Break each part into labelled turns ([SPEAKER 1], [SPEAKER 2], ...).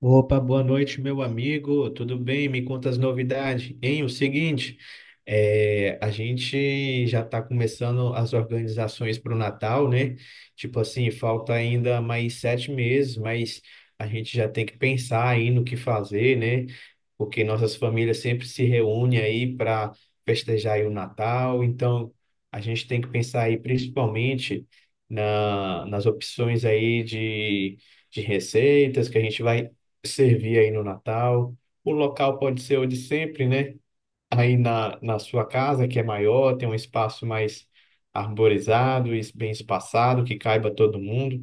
[SPEAKER 1] Opa, boa noite, meu amigo. Tudo bem? Me conta as novidades. Hein, o seguinte, a gente já está começando as organizações para o Natal, né? Tipo assim, falta ainda mais 7 meses, mas a gente já tem que pensar aí no que fazer, né? Porque nossas famílias sempre se reúnem aí para festejar aí o Natal. Então, a gente tem que pensar aí principalmente nas opções aí de receitas que a gente vai servir aí no Natal. O local pode ser o de sempre, né? Aí na sua casa, que é maior, tem um espaço mais arborizado e bem espaçado, que caiba todo mundo.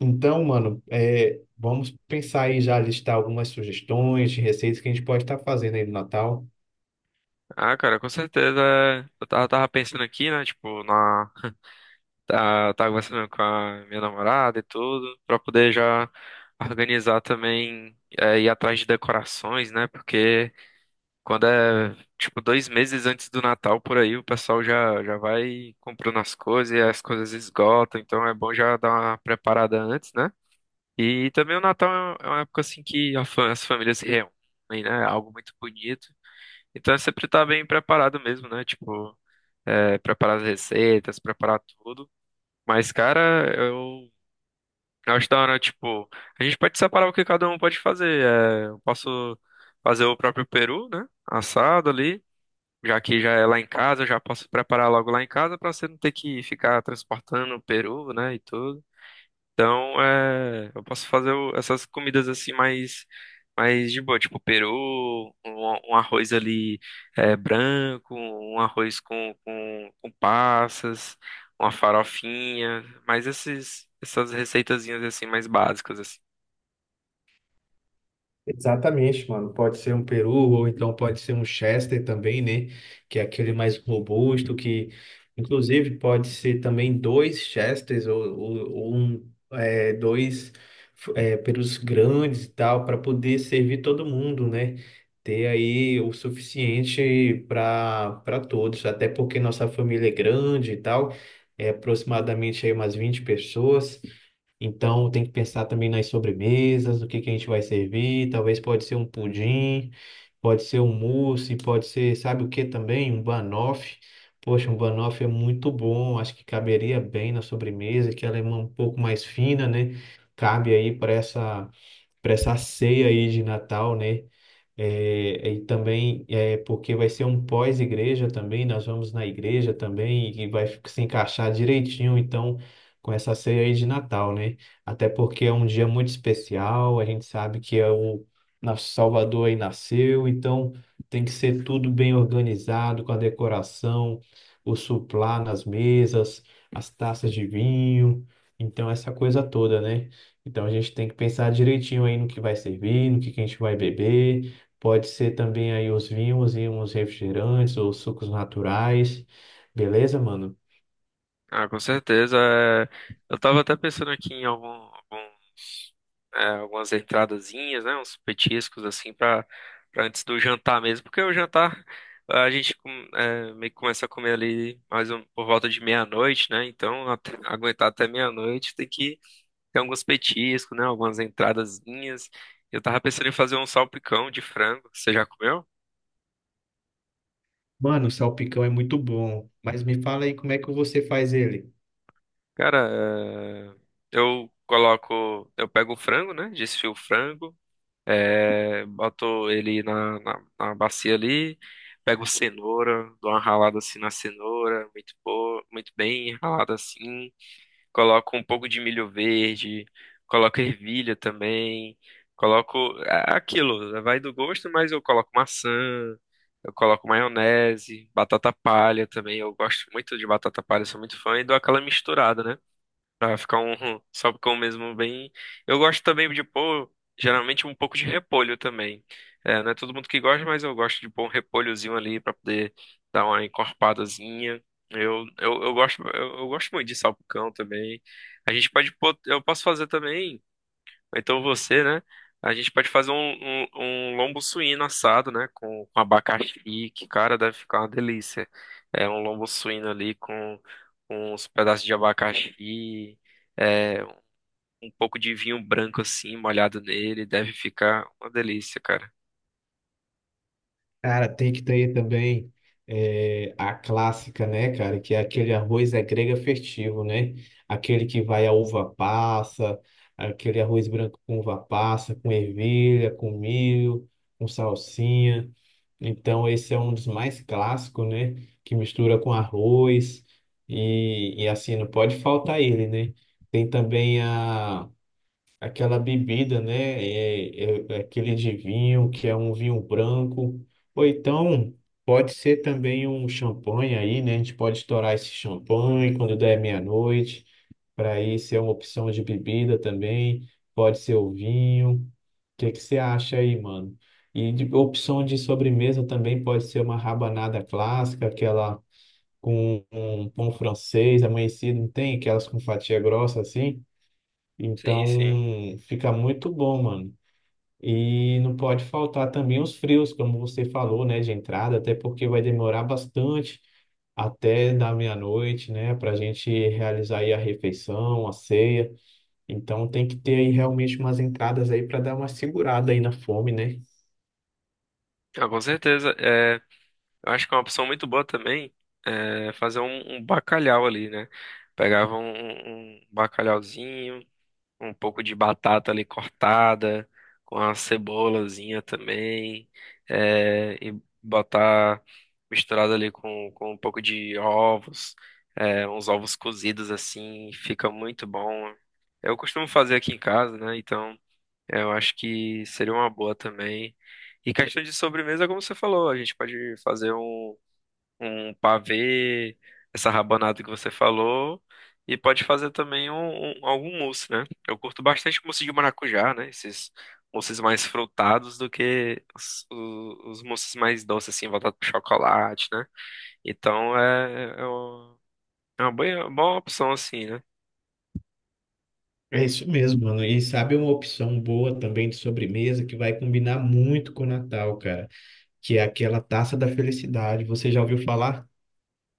[SPEAKER 1] Então, mano, vamos pensar aí já listar algumas sugestões de receitas que a gente pode estar fazendo aí no Natal.
[SPEAKER 2] Ah, cara, com certeza. Eu tava pensando aqui, né? Tava conversando com a minha namorada e tudo, pra poder já organizar também, ir atrás de decorações, né? Porque quando tipo, 2 meses antes do Natal por aí, o pessoal já vai comprando as coisas e as coisas esgotam, então é bom já dar uma preparada antes, né? E também o Natal é uma época assim que as famílias se reúnem, né? É Algo muito bonito. Então é sempre tá bem preparado mesmo, né? Preparar as receitas, preparar tudo. Mas, cara, eu acho da hora, tipo, a gente pode separar o que cada um pode fazer. É, eu posso fazer o próprio peru, né? Assado ali, já que já é lá em casa, eu já posso preparar logo lá em casa pra você não ter que ficar transportando o peru, né, e tudo. Então, é, eu posso essas comidas assim mais de boa, tipo peru, um arroz ali branco, um arroz com passas, uma farofinha, mas essas receitazinhas assim mais básicas assim.
[SPEAKER 1] Exatamente, mano. Pode ser um peru, ou então pode ser um Chester também, né? Que é aquele mais robusto, que inclusive pode ser também dois Chesters ou dois perus grandes e tal, para poder servir todo mundo, né? Ter aí o suficiente para todos, até porque nossa família é grande e tal, é aproximadamente aí umas 20 pessoas. Então tem que pensar também nas sobremesas, o que que a gente vai servir. Talvez pode ser um pudim, pode ser um mousse, pode ser, sabe o que também? Um banoffee. Poxa, um banoffee é muito bom. Acho que caberia bem na sobremesa, que ela é um pouco mais fina, né? Cabe aí para essa ceia aí de Natal, né? É, e também é porque vai ser um pós-igreja também, nós vamos na igreja também e vai se encaixar direitinho, então, com essa ceia aí de Natal, né? Até porque é um dia muito especial, a gente sabe que é o nosso Salvador aí nasceu, então tem que ser tudo bem organizado, com a decoração, o suplá nas mesas, as taças de vinho, então essa coisa toda, né? Então a gente tem que pensar direitinho aí no que vai servir, no que a gente vai beber. Pode ser também aí os vinhos e uns refrigerantes ou sucos naturais. Beleza, mano?
[SPEAKER 2] Ah, com certeza. Eu tava até pensando aqui em algum algumas entradazinhas, né, uns petiscos assim para antes do jantar mesmo, porque o jantar a gente com- é, meio que começa a comer ali mais um, por volta de meia-noite, né? Aguentar até meia-noite tem que ter alguns petiscos, né, algumas entradazinhas. Eu tava pensando em fazer um salpicão de frango. Você já comeu?
[SPEAKER 1] Mano, o salpicão é muito bom, mas me fala aí como é que você faz ele.
[SPEAKER 2] Cara, é, eu pego o frango, né? Desfio o frango. É, boto ele na bacia ali, pego cenoura, dou uma ralada assim na cenoura, muito boa, muito bem ralada assim. Coloco um pouco de milho verde, coloco ervilha também, coloco é aquilo, vai do gosto, mas eu coloco maçã, eu coloco maionese, batata palha também. Eu gosto muito de batata palha, sou muito fã e dou aquela misturada, né? Pra ficar um salpicão mesmo bem. Eu gosto também de pôr, geralmente, um pouco de repolho também. É, não é todo mundo que gosta, mas eu gosto de pôr um repolhozinho ali pra poder dar uma encorpadazinha. Eu gosto muito de salpicão também. A gente pode pôr, eu posso fazer também. Então você, né? A gente pode fazer um lombo suíno assado, né? Com abacaxi, que, cara, deve ficar uma delícia. É um lombo suíno ali com uns pedaços de abacaxi, é, um pouco de vinho branco assim, molhado nele, deve ficar uma delícia, cara.
[SPEAKER 1] Cara, tem que ter também a clássica, né, cara? Que é aquele arroz é grega festivo, né? Aquele que vai a uva passa, aquele arroz branco com uva passa, com ervilha, com milho, com salsinha. Então, esse é um dos mais clássicos, né? Que mistura com arroz e assim, não pode faltar ele, né? Tem também a aquela bebida, né? É aquele de vinho que é um vinho branco, ou então pode ser também um champanhe aí, né? A gente pode estourar esse champanhe quando der meia-noite, para isso é uma opção de bebida também. Pode ser o vinho. O que que você acha aí, mano? E de opção de sobremesa também pode ser uma rabanada clássica, aquela com um pão francês amanhecido, não tem? Aquelas com fatia grossa assim.
[SPEAKER 2] Sim,
[SPEAKER 1] Então,
[SPEAKER 2] sim.
[SPEAKER 1] fica muito bom, mano. E não pode faltar também os frios, como você falou, né, de entrada, até porque vai demorar bastante até da meia-noite, né, para a gente realizar aí a refeição, a ceia. Então, tem que ter aí realmente umas entradas aí para dar uma segurada aí na fome, né?
[SPEAKER 2] Ah, com certeza. É, eu acho que é uma opção muito boa também é fazer um bacalhau ali, né? Pegava um bacalhauzinho. Um pouco de batata ali cortada, com a cebolazinha também, e botar misturado ali com um pouco de ovos, é, uns ovos cozidos assim, fica muito bom. Eu costumo fazer aqui em casa, né? Então eu acho que seria uma boa também. E questão de sobremesa, como você falou, a gente pode fazer um pavê, essa rabanada que você falou, e pode fazer também algum mousse, né? Eu curto bastante mousse de maracujá, né? Esses mousses mais frutados do que os mousses mais doces, assim, voltados pro chocolate, né? Então é, é o- É uma boa opção, assim, né?
[SPEAKER 1] É isso mesmo, mano. E sabe uma opção boa também de sobremesa que vai combinar muito com o Natal, cara, que é aquela taça da felicidade. Você já ouviu falar?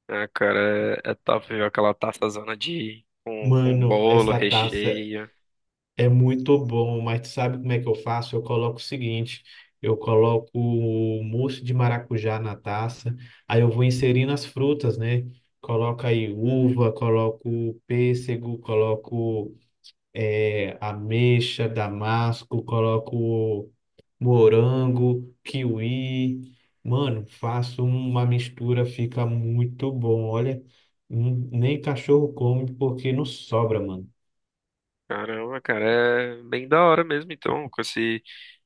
[SPEAKER 2] Ah, cara, é, é top ver aquela taçazona de... com
[SPEAKER 1] Mano,
[SPEAKER 2] bolo,
[SPEAKER 1] essa taça
[SPEAKER 2] recheio.
[SPEAKER 1] é muito bom, mas tu sabe como é que eu faço? Eu coloco o seguinte, eu coloco o mousse de maracujá na taça, aí eu vou inserindo as frutas, né? Coloco aí uva, coloco pêssego, coloco ameixa, damasco, coloco morango, kiwi. Mano, faço uma mistura, fica muito bom. Olha, nem cachorro come porque não sobra, mano.
[SPEAKER 2] Caramba, cara, é bem da hora mesmo, então, com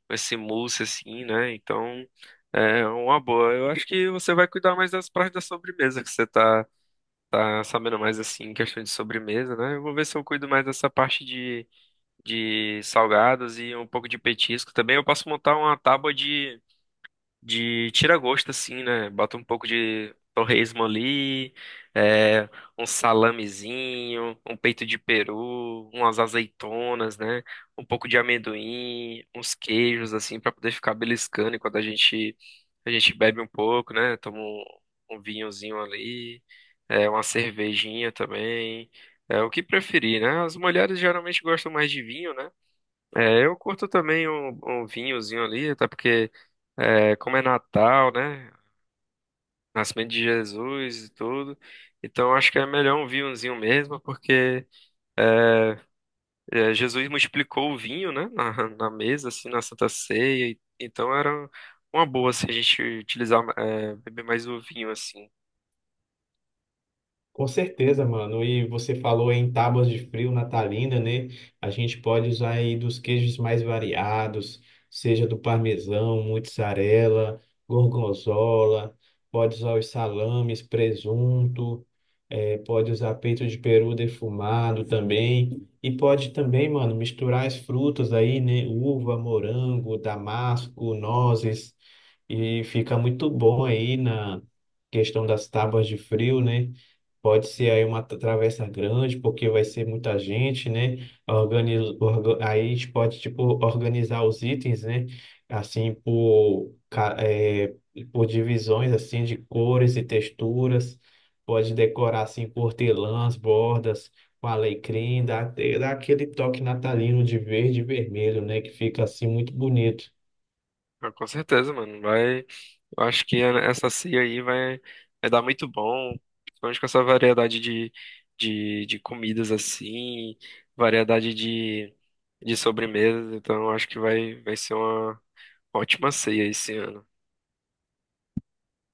[SPEAKER 2] esse mousse assim, né? Então é uma boa. Eu acho que você vai cuidar mais das partes da sobremesa, que você tá sabendo mais assim, em questão de sobremesa, né? Eu vou ver se eu cuido mais dessa parte de salgados e um pouco de petisco também. Eu posso montar uma tábua de tira gosto assim, né? Bota um pouco de torresmo ali, é, um salamezinho, um peito de peru, umas azeitonas, né? Um pouco de amendoim, uns queijos assim pra poder ficar beliscando enquanto a gente bebe um pouco, né? Toma um vinhozinho ali, é, uma cervejinha também. É o que preferir, né? As mulheres geralmente gostam mais de vinho, né? É, eu curto também um vinhozinho ali, até porque, é, como é Natal, né? Nascimento de Jesus e tudo. Então acho que é melhor um vinhozinho mesmo, porque é, é, Jesus multiplicou o vinho, né? Na mesa, assim, na Santa Ceia. Então era uma boa, assim, a gente utilizar, é, beber mais o vinho, assim.
[SPEAKER 1] Com certeza, mano. E você falou em tábuas de frio natalina, né? A gente pode usar aí dos queijos mais variados, seja do parmesão, mozzarella, gorgonzola, pode usar os salames, presunto, pode usar peito de peru defumado também. E pode também, mano, misturar as frutas aí, né? Uva, morango, damasco, nozes. E fica muito bom aí na questão das tábuas de frio, né? Pode ser aí uma travessa grande, porque vai ser muita gente, né? Aí a gente pode, tipo, organizar os itens, né? Assim, por, ca- é por divisões, assim, de cores e texturas. Pode decorar, assim, com hortelãs, bordas, com alecrim, dá aquele toque natalino de verde e vermelho, né? Que fica, assim, muito bonito.
[SPEAKER 2] Mas com certeza, mano. Vai. Eu acho que é, essa ceia aí vai dar muito bom, principalmente com essa variedade de comidas assim, variedade de sobremesas, então eu acho que vai ser uma ótima ceia esse ano.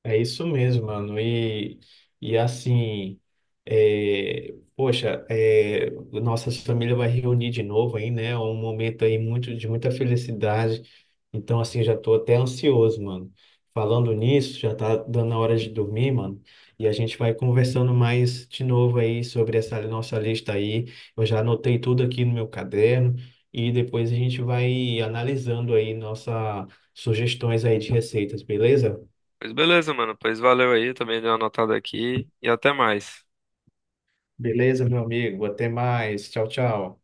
[SPEAKER 1] É isso mesmo, mano. E assim, poxa, nossa família vai reunir de novo aí, né? É um momento aí muito, de muita felicidade. Então, assim, já tô até ansioso, mano. Falando nisso, já tá dando a hora de dormir, mano. E a gente vai conversando mais de novo aí sobre essa nossa lista aí. Eu já anotei tudo aqui no meu caderno. E depois a gente vai analisando aí nossas sugestões aí de receitas, beleza?
[SPEAKER 2] Pois beleza, mano, pois valeu aí, também dei uma anotada aqui e até mais.
[SPEAKER 1] Beleza, meu amigo. Até mais. Tchau, tchau.